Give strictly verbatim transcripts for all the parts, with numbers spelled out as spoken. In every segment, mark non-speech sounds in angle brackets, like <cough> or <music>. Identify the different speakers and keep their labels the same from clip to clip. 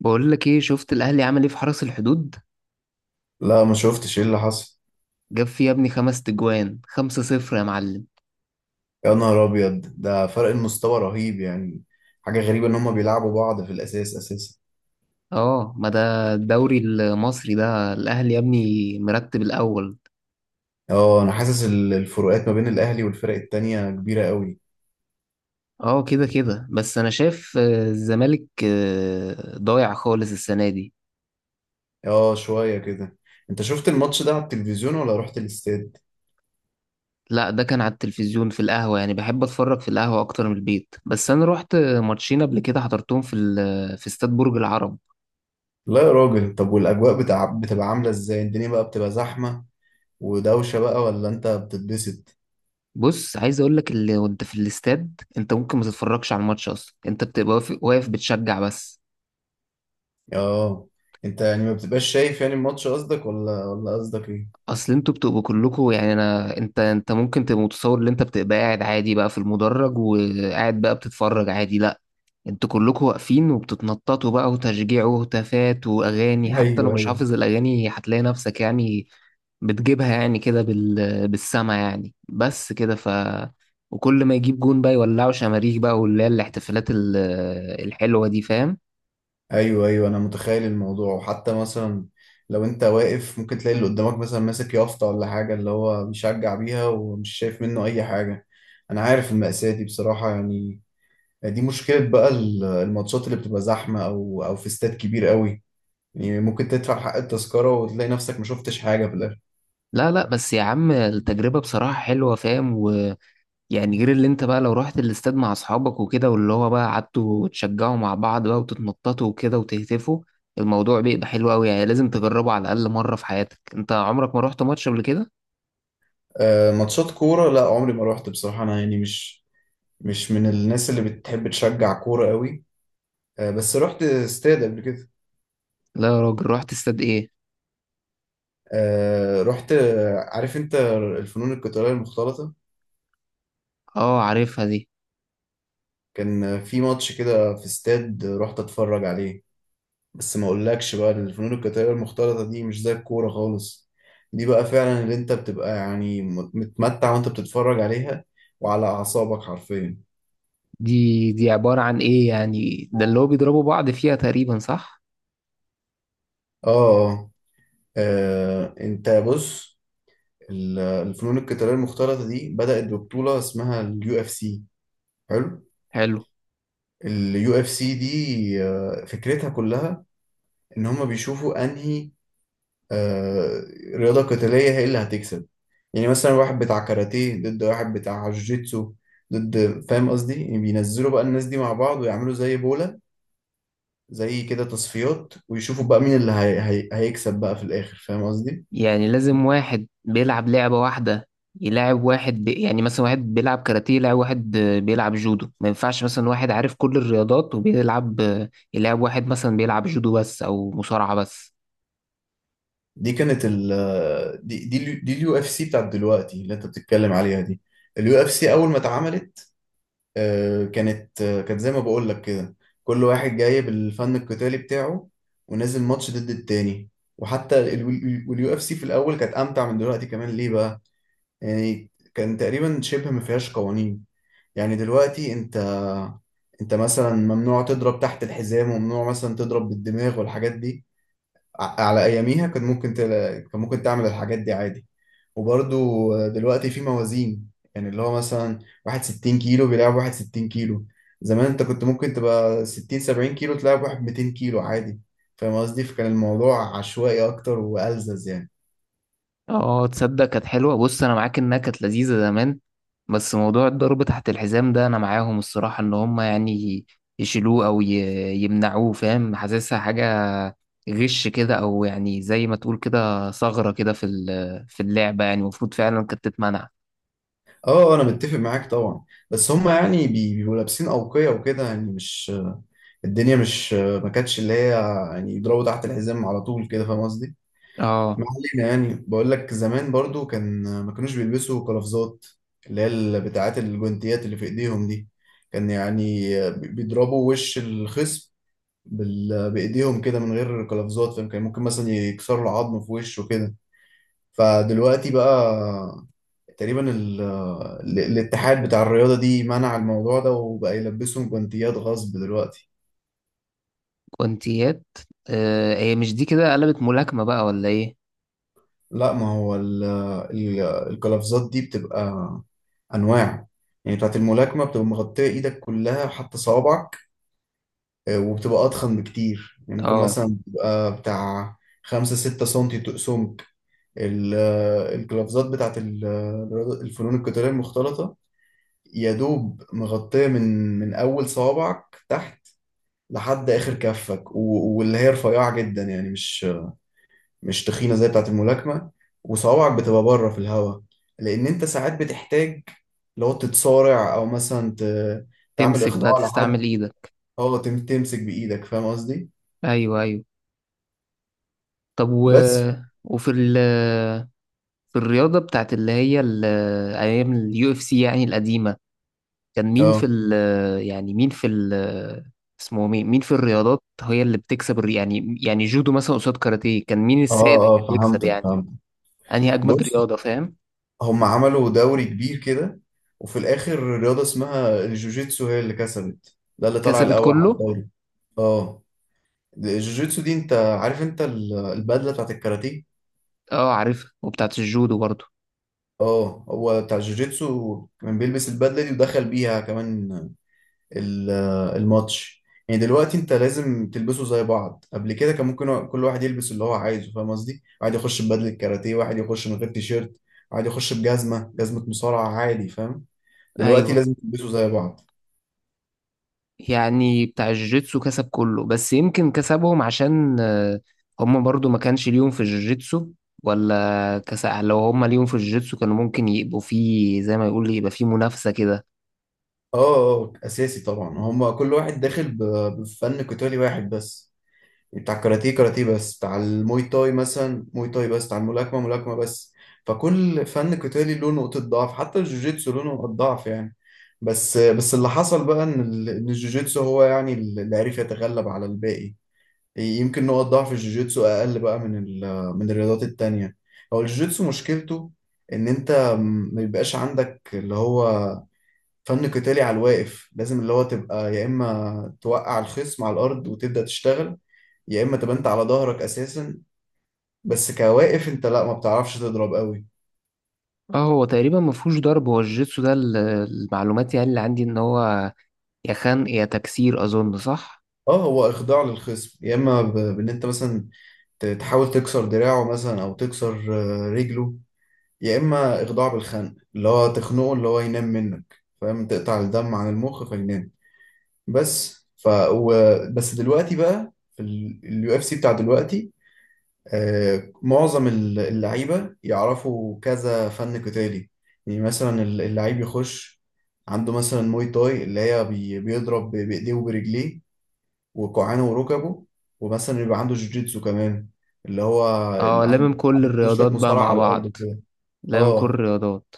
Speaker 1: بقول لك ايه، شفت الاهلي عمل ايه في حرس الحدود؟
Speaker 2: لا، ما شفتش ايه اللي حصل.
Speaker 1: جاب فيه يا ابني خمس تجوان، خمسة صفر يا معلم.
Speaker 2: يا نهار ابيض، ده فرق المستوى رهيب يعني. حاجه غريبه ان هما بيلعبوا بعض في الاساس اساسا.
Speaker 1: اه، ما ده الدوري المصري، ده الاهلي يا ابني مرتب الاول.
Speaker 2: اه، انا حاسس ال- الفروقات ما بين الاهلي والفرق التانية كبيره قوي.
Speaker 1: اه كده كده، بس انا شايف آه، الزمالك آه، ضايع خالص السنة دي.
Speaker 2: اه، شويه كده. انت شفت الماتش ده على التلفزيون ولا رحت الاستاد؟
Speaker 1: لا، ده كان على التلفزيون في القهوة، يعني بحب اتفرج في القهوة اكتر من البيت، بس انا رحت آه، ماتشين قبل كده حضرتهم في ال- آه، في استاد برج العرب.
Speaker 2: لا يا راجل. طب والاجواء بتاع بتبقى عامله ازاي؟ الدنيا بقى بتبقى زحمه ودوشه بقى، ولا انت بتتبسط؟
Speaker 1: بص، عايز اقول لك اللي وانت في الاستاد انت ممكن ما تتفرجش على الماتش اصلا، انت بتبقى واقف واقف بتشجع بس.
Speaker 2: اه. انت يعني ما بتبقاش شايف يعني الماتش قصدك، ولا ولا قصدك ايه؟
Speaker 1: اصل انتوا بتبقوا كلكوا يعني انا، انت انت ممكن تبقى متصور ان انت بتبقى قاعد عادي بقى في المدرج وقاعد بقى بتتفرج عادي، لا، انتوا كلكوا واقفين وبتتنططوا بقى، وتشجيع وهتافات واغاني،
Speaker 2: <laughs>
Speaker 1: حتى لو
Speaker 2: ايوه،
Speaker 1: مش
Speaker 2: ايوه.
Speaker 1: حافظ الاغاني هتلاقي نفسك يعني بتجيبها يعني كده بال... بالسما يعني، بس كده ف وكل ما يجيب جون بقى يولعوا شماريخ بقى، واللي هي الاحتفالات ال- الحلوة دي، فاهم.
Speaker 2: ايوه، ايوه، انا متخيل الموضوع. وحتى مثلا لو انت واقف، ممكن تلاقي اللي قدامك مثلا ماسك يافطه ولا حاجه، اللي هو بيشجع بيها، ومش شايف منه اي حاجه. انا عارف المأساة دي بصراحه يعني. دي مشكله بقى، ال- الماتشات اللي بتبقى زحمه، او او في استاد كبير قوي. يعني ممكن تدفع حق التذكره وتلاقي نفسك ما شفتش حاجه في الاخر.
Speaker 1: لا لا، بس يا عم، التجربة بصراحة حلوة فاهم و... يعني غير اللي انت بقى لو رحت الاستاد مع اصحابك وكده، واللي هو بقى قعدتوا تشجعوا مع بعض بقى وتتنططوا وكده وتهتفوا، الموضوع بيبقى حلو قوي، يعني لازم تجربه على الاقل مره في حياتك. انت عمرك ما رحت ماتش قبل كده؟
Speaker 2: آه، ماتشات كوره لا، عمري ما روحت بصراحه. انا يعني مش مش من الناس اللي بتحب تشجع كوره قوي. آه، بس رحت استاد قبل كده.
Speaker 1: لا يا راجل، رحت استاد ايه؟
Speaker 2: آه، رحت، آه، عارف انت، الفنون القتالية المختلطة.
Speaker 1: اه، عارفها دي.
Speaker 2: كان في ماتش كده في استاد رحت اتفرج عليه. بس ما اقولكش بقى، الفنون القتالية المختلطة دي مش زي الكورة خالص. دي بقى فعلا اللي انت بتبقى يعني مت- متمتع وانت بتتفرج عليها، وعلى اعصابك حرفيا.
Speaker 1: دي دي عباره عن ايه يعني؟ ده اللي هو بيضربوا بعض فيها تقريبا، صح؟
Speaker 2: اه، اه. آه، انت بص. ال- الفنون القتالية المختلطة دي بدأت ببطولة اسمها اليو اف سي. حلو.
Speaker 1: حلو.
Speaker 2: اليو اف سي دي، آه، فكرتها كلها ان هم بيشوفوا انهي، آه، رياضه قتاليه هي اللي هتكسب. يعني مثلا واحد بتاع كاراتيه ضد واحد بتاع جوجيتسو ضد، فاهم قصدي؟ يعني بينزلوا بقى الناس دي مع بعض ويعملوا زي بوله، زي كده تصفيات، ويشوفوا بقى مين اللي هي... هي... هيكسب بقى في الاخر، فاهم قصدي؟
Speaker 1: يعني لازم واحد بيلعب لعبة واحدة يلاعب واحد بي... يعني مثلا واحد بيلعب كاراتيه يلاعب واحد آه، بيلعب جودو، ما ينفعش مثلا واحد عارف كل الرياضات وبيلعب آه، يلاعب واحد مثلا بيلعب جودو بس أو مصارعة بس.
Speaker 2: دي كانت ال آه، دي دي اليو- دي اليو اف سي بتاعت دلوقتي اللي انت بتتكلم عليها. دي اليو اف سي اول ما اتعملت، آه، كانت آه، كانت زي ما بقول لك كده. كل واحد جاي بالفن القتالي بتاعه، ونازل ماتش ضد التاني. وحتى اليو اف سي في الاول كانت امتع من دلوقتي كمان. ليه بقى؟ يعني كان تقريبا شبه ما فيهاش قوانين. يعني دلوقتي انت انت مثلا ممنوع تضرب تحت الحزام، وممنوع مثلا تضرب بالدماغ والحاجات دي. ع- على اياميها كان ممكن تلا... كان ممكن تعمل الحاجات دي عادي. وبرضو دلوقتي في موازين، يعني اللي هو مثلا واحد ستين كيلو بيلعب واحد ستين كيلو. زمان انت كنت ممكن تبقى ستين سبعين كيلو، تلعب واحد مئتين كيلو عادي. فاهم قصدي؟ فكان الموضوع عشوائي اكتر والزز يعني.
Speaker 1: اه تصدق كانت حلوة، بص انا معاك انها كانت لذيذة زمان، بس موضوع الضرب تحت الحزام ده انا معاهم الصراحة، ان هم يعني يشيلوه او ي- يمنعوه، فاهم، حاسسها حاجة غش كده، او يعني زي ما تقول كده ثغرة كده في ال- في اللعبة، يعني المفروض فعلا كانت تتمنع.
Speaker 2: اه، آه، انا متفق معاك طبعا. بس هم يعني بي- بيبقوا لابسين اوقية وكده، يعني مش الدنيا، مش ما كانتش اللي هي، يعني يضربوا تحت الحزام على طول كده، فاهم قصدي؟
Speaker 1: اه
Speaker 2: ما علينا. يعني بقول لك زمان برضو كان ما كانوش بيلبسوا قفازات، اللي هي ال- بتاعات الجوانتيات اللي في ايديهم دي. كان يعني بيضربوا وش الخصم بال... بايديهم كده من غير قفازات، فاهم؟ كان ممكن مثلا يكسروا العظم في وشه كده. فدلوقتي بقى تقريبا ال... ال- الاتحاد بتاع الرياضة دي منع الموضوع ده، وبقى يلبسهم جوانتيات غصب دلوقتي.
Speaker 1: كونتيات. آه، هي مش دي كده قلبت ملاكمة بقى ولا ايه؟
Speaker 2: لا، ما هو ال- ال- القفازات دي بتبقى انواع. يعني بتاعت الملاكمه بتبقى مغطيه ايدك كلها، حتى صوابعك، آه، وبتبقى اضخم بكتير. يعني ممكن
Speaker 1: اه،
Speaker 2: مثلا بتبقى بتاع خمسة ستة سنتي تقسمك. ال- آه، القفازات بتاعت ال- آه، الفنون القتاليه المختلطه، يا دوب مغطيه من من اول صوابعك تحت لحد اخر كفك، و- واللي هي رفيعه جدا يعني، مش مش تخينة زي بتاعة الملاكمة. وصوابعك بتبقى بره في الهواء، لأن أنت ساعات بتحتاج، لو تتصارع أو مثلا ت- تعمل
Speaker 1: تمسك بقى
Speaker 2: إخضاع
Speaker 1: تستعمل
Speaker 2: لحد.
Speaker 1: ايدك.
Speaker 2: أه، تم- تمسك بإيدك، فاهم قصدي؟
Speaker 1: ايوه ايوه. طب و...
Speaker 2: بس.
Speaker 1: وفي ال في الرياضة بتاعت اللي هي ال- أيام اليو اف سي يعني القديمة، كان مين في
Speaker 2: أه،
Speaker 1: ال يعني مين في ال، اسمه مين، مين في الرياضات هي اللي بتكسب الري- يعني يعني جودو مثلا قصاد كاراتيه، كان مين السائد اللي
Speaker 2: أه، أه،
Speaker 1: بيكسب
Speaker 2: فهمتك،
Speaker 1: يعني؟
Speaker 2: فهمتك.
Speaker 1: أنهي أجمد
Speaker 2: بص،
Speaker 1: رياضة، فاهم؟
Speaker 2: هم عملوا دوري كبير كده، وفي الآخر رياضة اسمها الجوجيتسو هي اللي كسبت، ده اللي طلع
Speaker 1: كسبت
Speaker 2: الأول على
Speaker 1: كله؟
Speaker 2: الدوري. أه. الجوجيتسو دي، أنت عارف أنت ال- البدلة بتاعت الكاراتيه؟
Speaker 1: اه عارفها، وبتاعت الجودو برضو.
Speaker 2: اه، هو بتاع جوجيتسو كان بيلبس البدله دي، ودخل بيها كمان ال- الماتش. يعني دلوقتي انت لازم تلبسوا زي بعض. قبل كده كان ممكن كل واحد يلبس اللي هو عايزه، فاهم قصدي؟ واحد يخش ببدله كاراتيه، واحد يخش من غير تيشيرت، واحد يخش بجزمه، جزمه مصارعه عادي، فاهم؟ دلوقتي
Speaker 1: أيوه.
Speaker 2: لازم تلبسوا زي بعض.
Speaker 1: يعني بتاع الجوجيتسو كسب كله، بس يمكن كسبهم عشان آه، هم برضو ما كانش ليهم في الجوجيتسو، ولا كسب؟ لو هم ليهم في الجوجيتسو كانوا ممكن يبقوا فيه زي ما يقول يبقى فيه منافسة كده.
Speaker 2: اه، اه، اساسي طبعا. هما كل واحد داخل ب- بفن قتالي واحد بس. بتاع الكاراتيه كاراتيه بس، بتاع الموي تاي مثلا موي تاي بس، بتاع الملاكمة ملاكمة بس. فكل فن قتالي له نقطة ضعف، حتى الجوجيتسو له نقطة ضعف يعني. بس بس اللي حصل بقى ان ال- إن الجوجيتسو هو يعني اللي عرف يتغلب على الباقي. يمكن نقط ضعف الجوجيتسو اقل بقى من ال- من الرياضات التانية. هو الجوجيتسو مشكلته ان انت ما يبقاش عندك اللي هو فن قتالي على الواقف. لازم اللي هو تبقى يا اما توقع الخصم على الارض وتبدأ تشتغل، يا اما تبقى انت على ظهرك اساسا. بس كواقف انت لا، ما بتعرفش تضرب قوي.
Speaker 1: اه هو تقريبا ما فيهوش ضرب، هو الجوجيتسو ده ال- المعلومات يعني اللي عندي ان هو يا خنق يا تكسير، اظن صح.
Speaker 2: اه، هو اخضاع للخصم، يا اما ب- بان انت مثلا ت- تحاول تكسر دراعه، مثلا او تكسر، آه، رجله، يا اما اخضاع بالخنق، اللي هو تخنقه اللي هو ينام منك، فاهم؟ تقطع الدم عن المخ فينام. بس ف و... بس دلوقتي بقى في اليو اف سي بتاع دلوقتي، آه، معظم ال- اللعيبة يعرفوا كذا فن قتالي. يعني مثلا ال- اللعيب يخش عنده مثلا موي تاي، اللي هي بي- بيضرب ب- بإيديه وبرجليه وكوعانه وركبه. ومثلا يبقى عنده جوجيتسو كمان، اللي هو
Speaker 1: اه،
Speaker 2: ال- عنده
Speaker 1: لامم كل
Speaker 2: عنده شوية
Speaker 1: الرياضات بقى
Speaker 2: مصارعة
Speaker 1: مع
Speaker 2: على الأرض
Speaker 1: بعض،
Speaker 2: كده.
Speaker 1: لامم كل
Speaker 2: اه،
Speaker 1: الرياضات.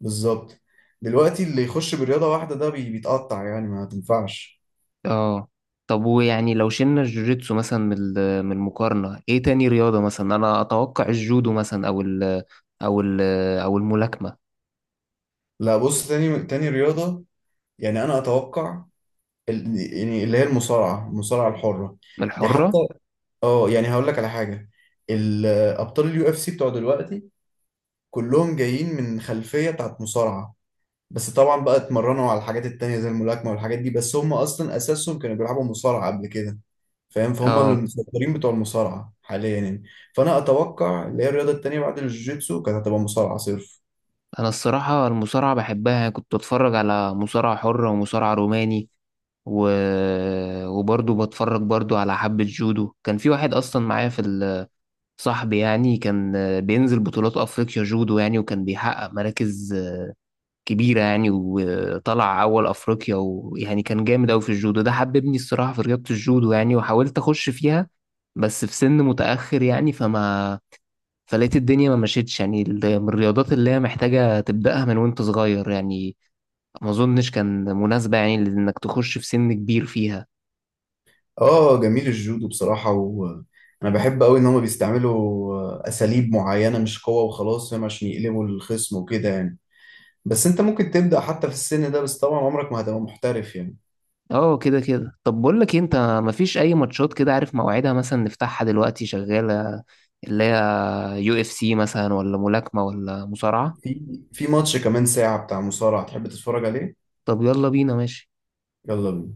Speaker 2: بالظبط. دلوقتي اللي يخش برياضة واحدة ده بي- بيتقطع يعني، ما تنفعش.
Speaker 1: اه. طب ويعني لو شلنا الجوجيتسو مثلا من ال- من المقارنة، ايه تاني رياضة مثلا؟ انا اتوقع الجودو مثلا، او ال او ال او الملاكمة
Speaker 2: لا بص، تاني تاني رياضة، يعني أنا أتوقع ال- يعني اللي هي المصارعة المصارعة الحرة. دي
Speaker 1: الحرة.
Speaker 2: حتى، اه، يعني هقول لك على حاجه. الابطال اليو اف سي بتوع دلوقتي كلهم جايين من خلفيه بتاعت مصارعه. بس طبعا بقى اتمرنوا على الحاجات التانية زي الملاكمه والحاجات دي، بس هم اصلا اساسهم كانوا بيلعبوا مصارعه قبل كده، فاهم؟ فهم
Speaker 1: اه،
Speaker 2: المسيطرين بتوع المصارعه حاليا يعني. فانا اتوقع اللي هي الرياضه التانية بعد الجوجيتسو كانت هتبقى مصارعه صرف.
Speaker 1: انا الصراحة المصارعة بحبها، كنت اتفرج على مصارعة حرة ومصارعة روماني و... وبرضه بتفرج برضه على حبة جودو. كان في واحد اصلا معايا في ال- صاحبي يعني، كان بينزل بطولات افريقيا جودو يعني، وكان بيحقق مراكز كبيرة يعني، وطلع أول أفريقيا، ويعني كان جامد أوي في الجودو ده، حببني الصراحة في رياضة الجودو يعني، وحاولت أخش فيها بس في سن متأخر يعني، فما فلقيت الدنيا ما مشيتش، يعني ال- من الرياضات اللي هي محتاجة تبدأها من وأنت صغير يعني، ما أظنش كان مناسبة يعني إنك تخش في سن كبير فيها.
Speaker 2: اه جميل. الجودو بصراحه، وانا بحب قوي ان هم بيستعملوا اساليب معينه، مش قوه وخلاص، فاهم؟ عشان يقلبوا الخصم وكده يعني. بس انت ممكن تبدأ حتى في السن ده، بس طبعا عمرك ما هتبقى محترف يعني.
Speaker 1: اه كده كده. طب بقول لك إيه، انت مفيش اي ماتشات كده عارف موعدها مثلا نفتحها دلوقتي شغالة، اللي هي يو اف سي مثلا، ولا ملاكمة ولا مصارعة؟
Speaker 2: في في ماتش كمان ساعة بتاع مصارعة، تحب تتفرج عليه؟
Speaker 1: طب يلا بينا، ماشي.
Speaker 2: يلا بينا.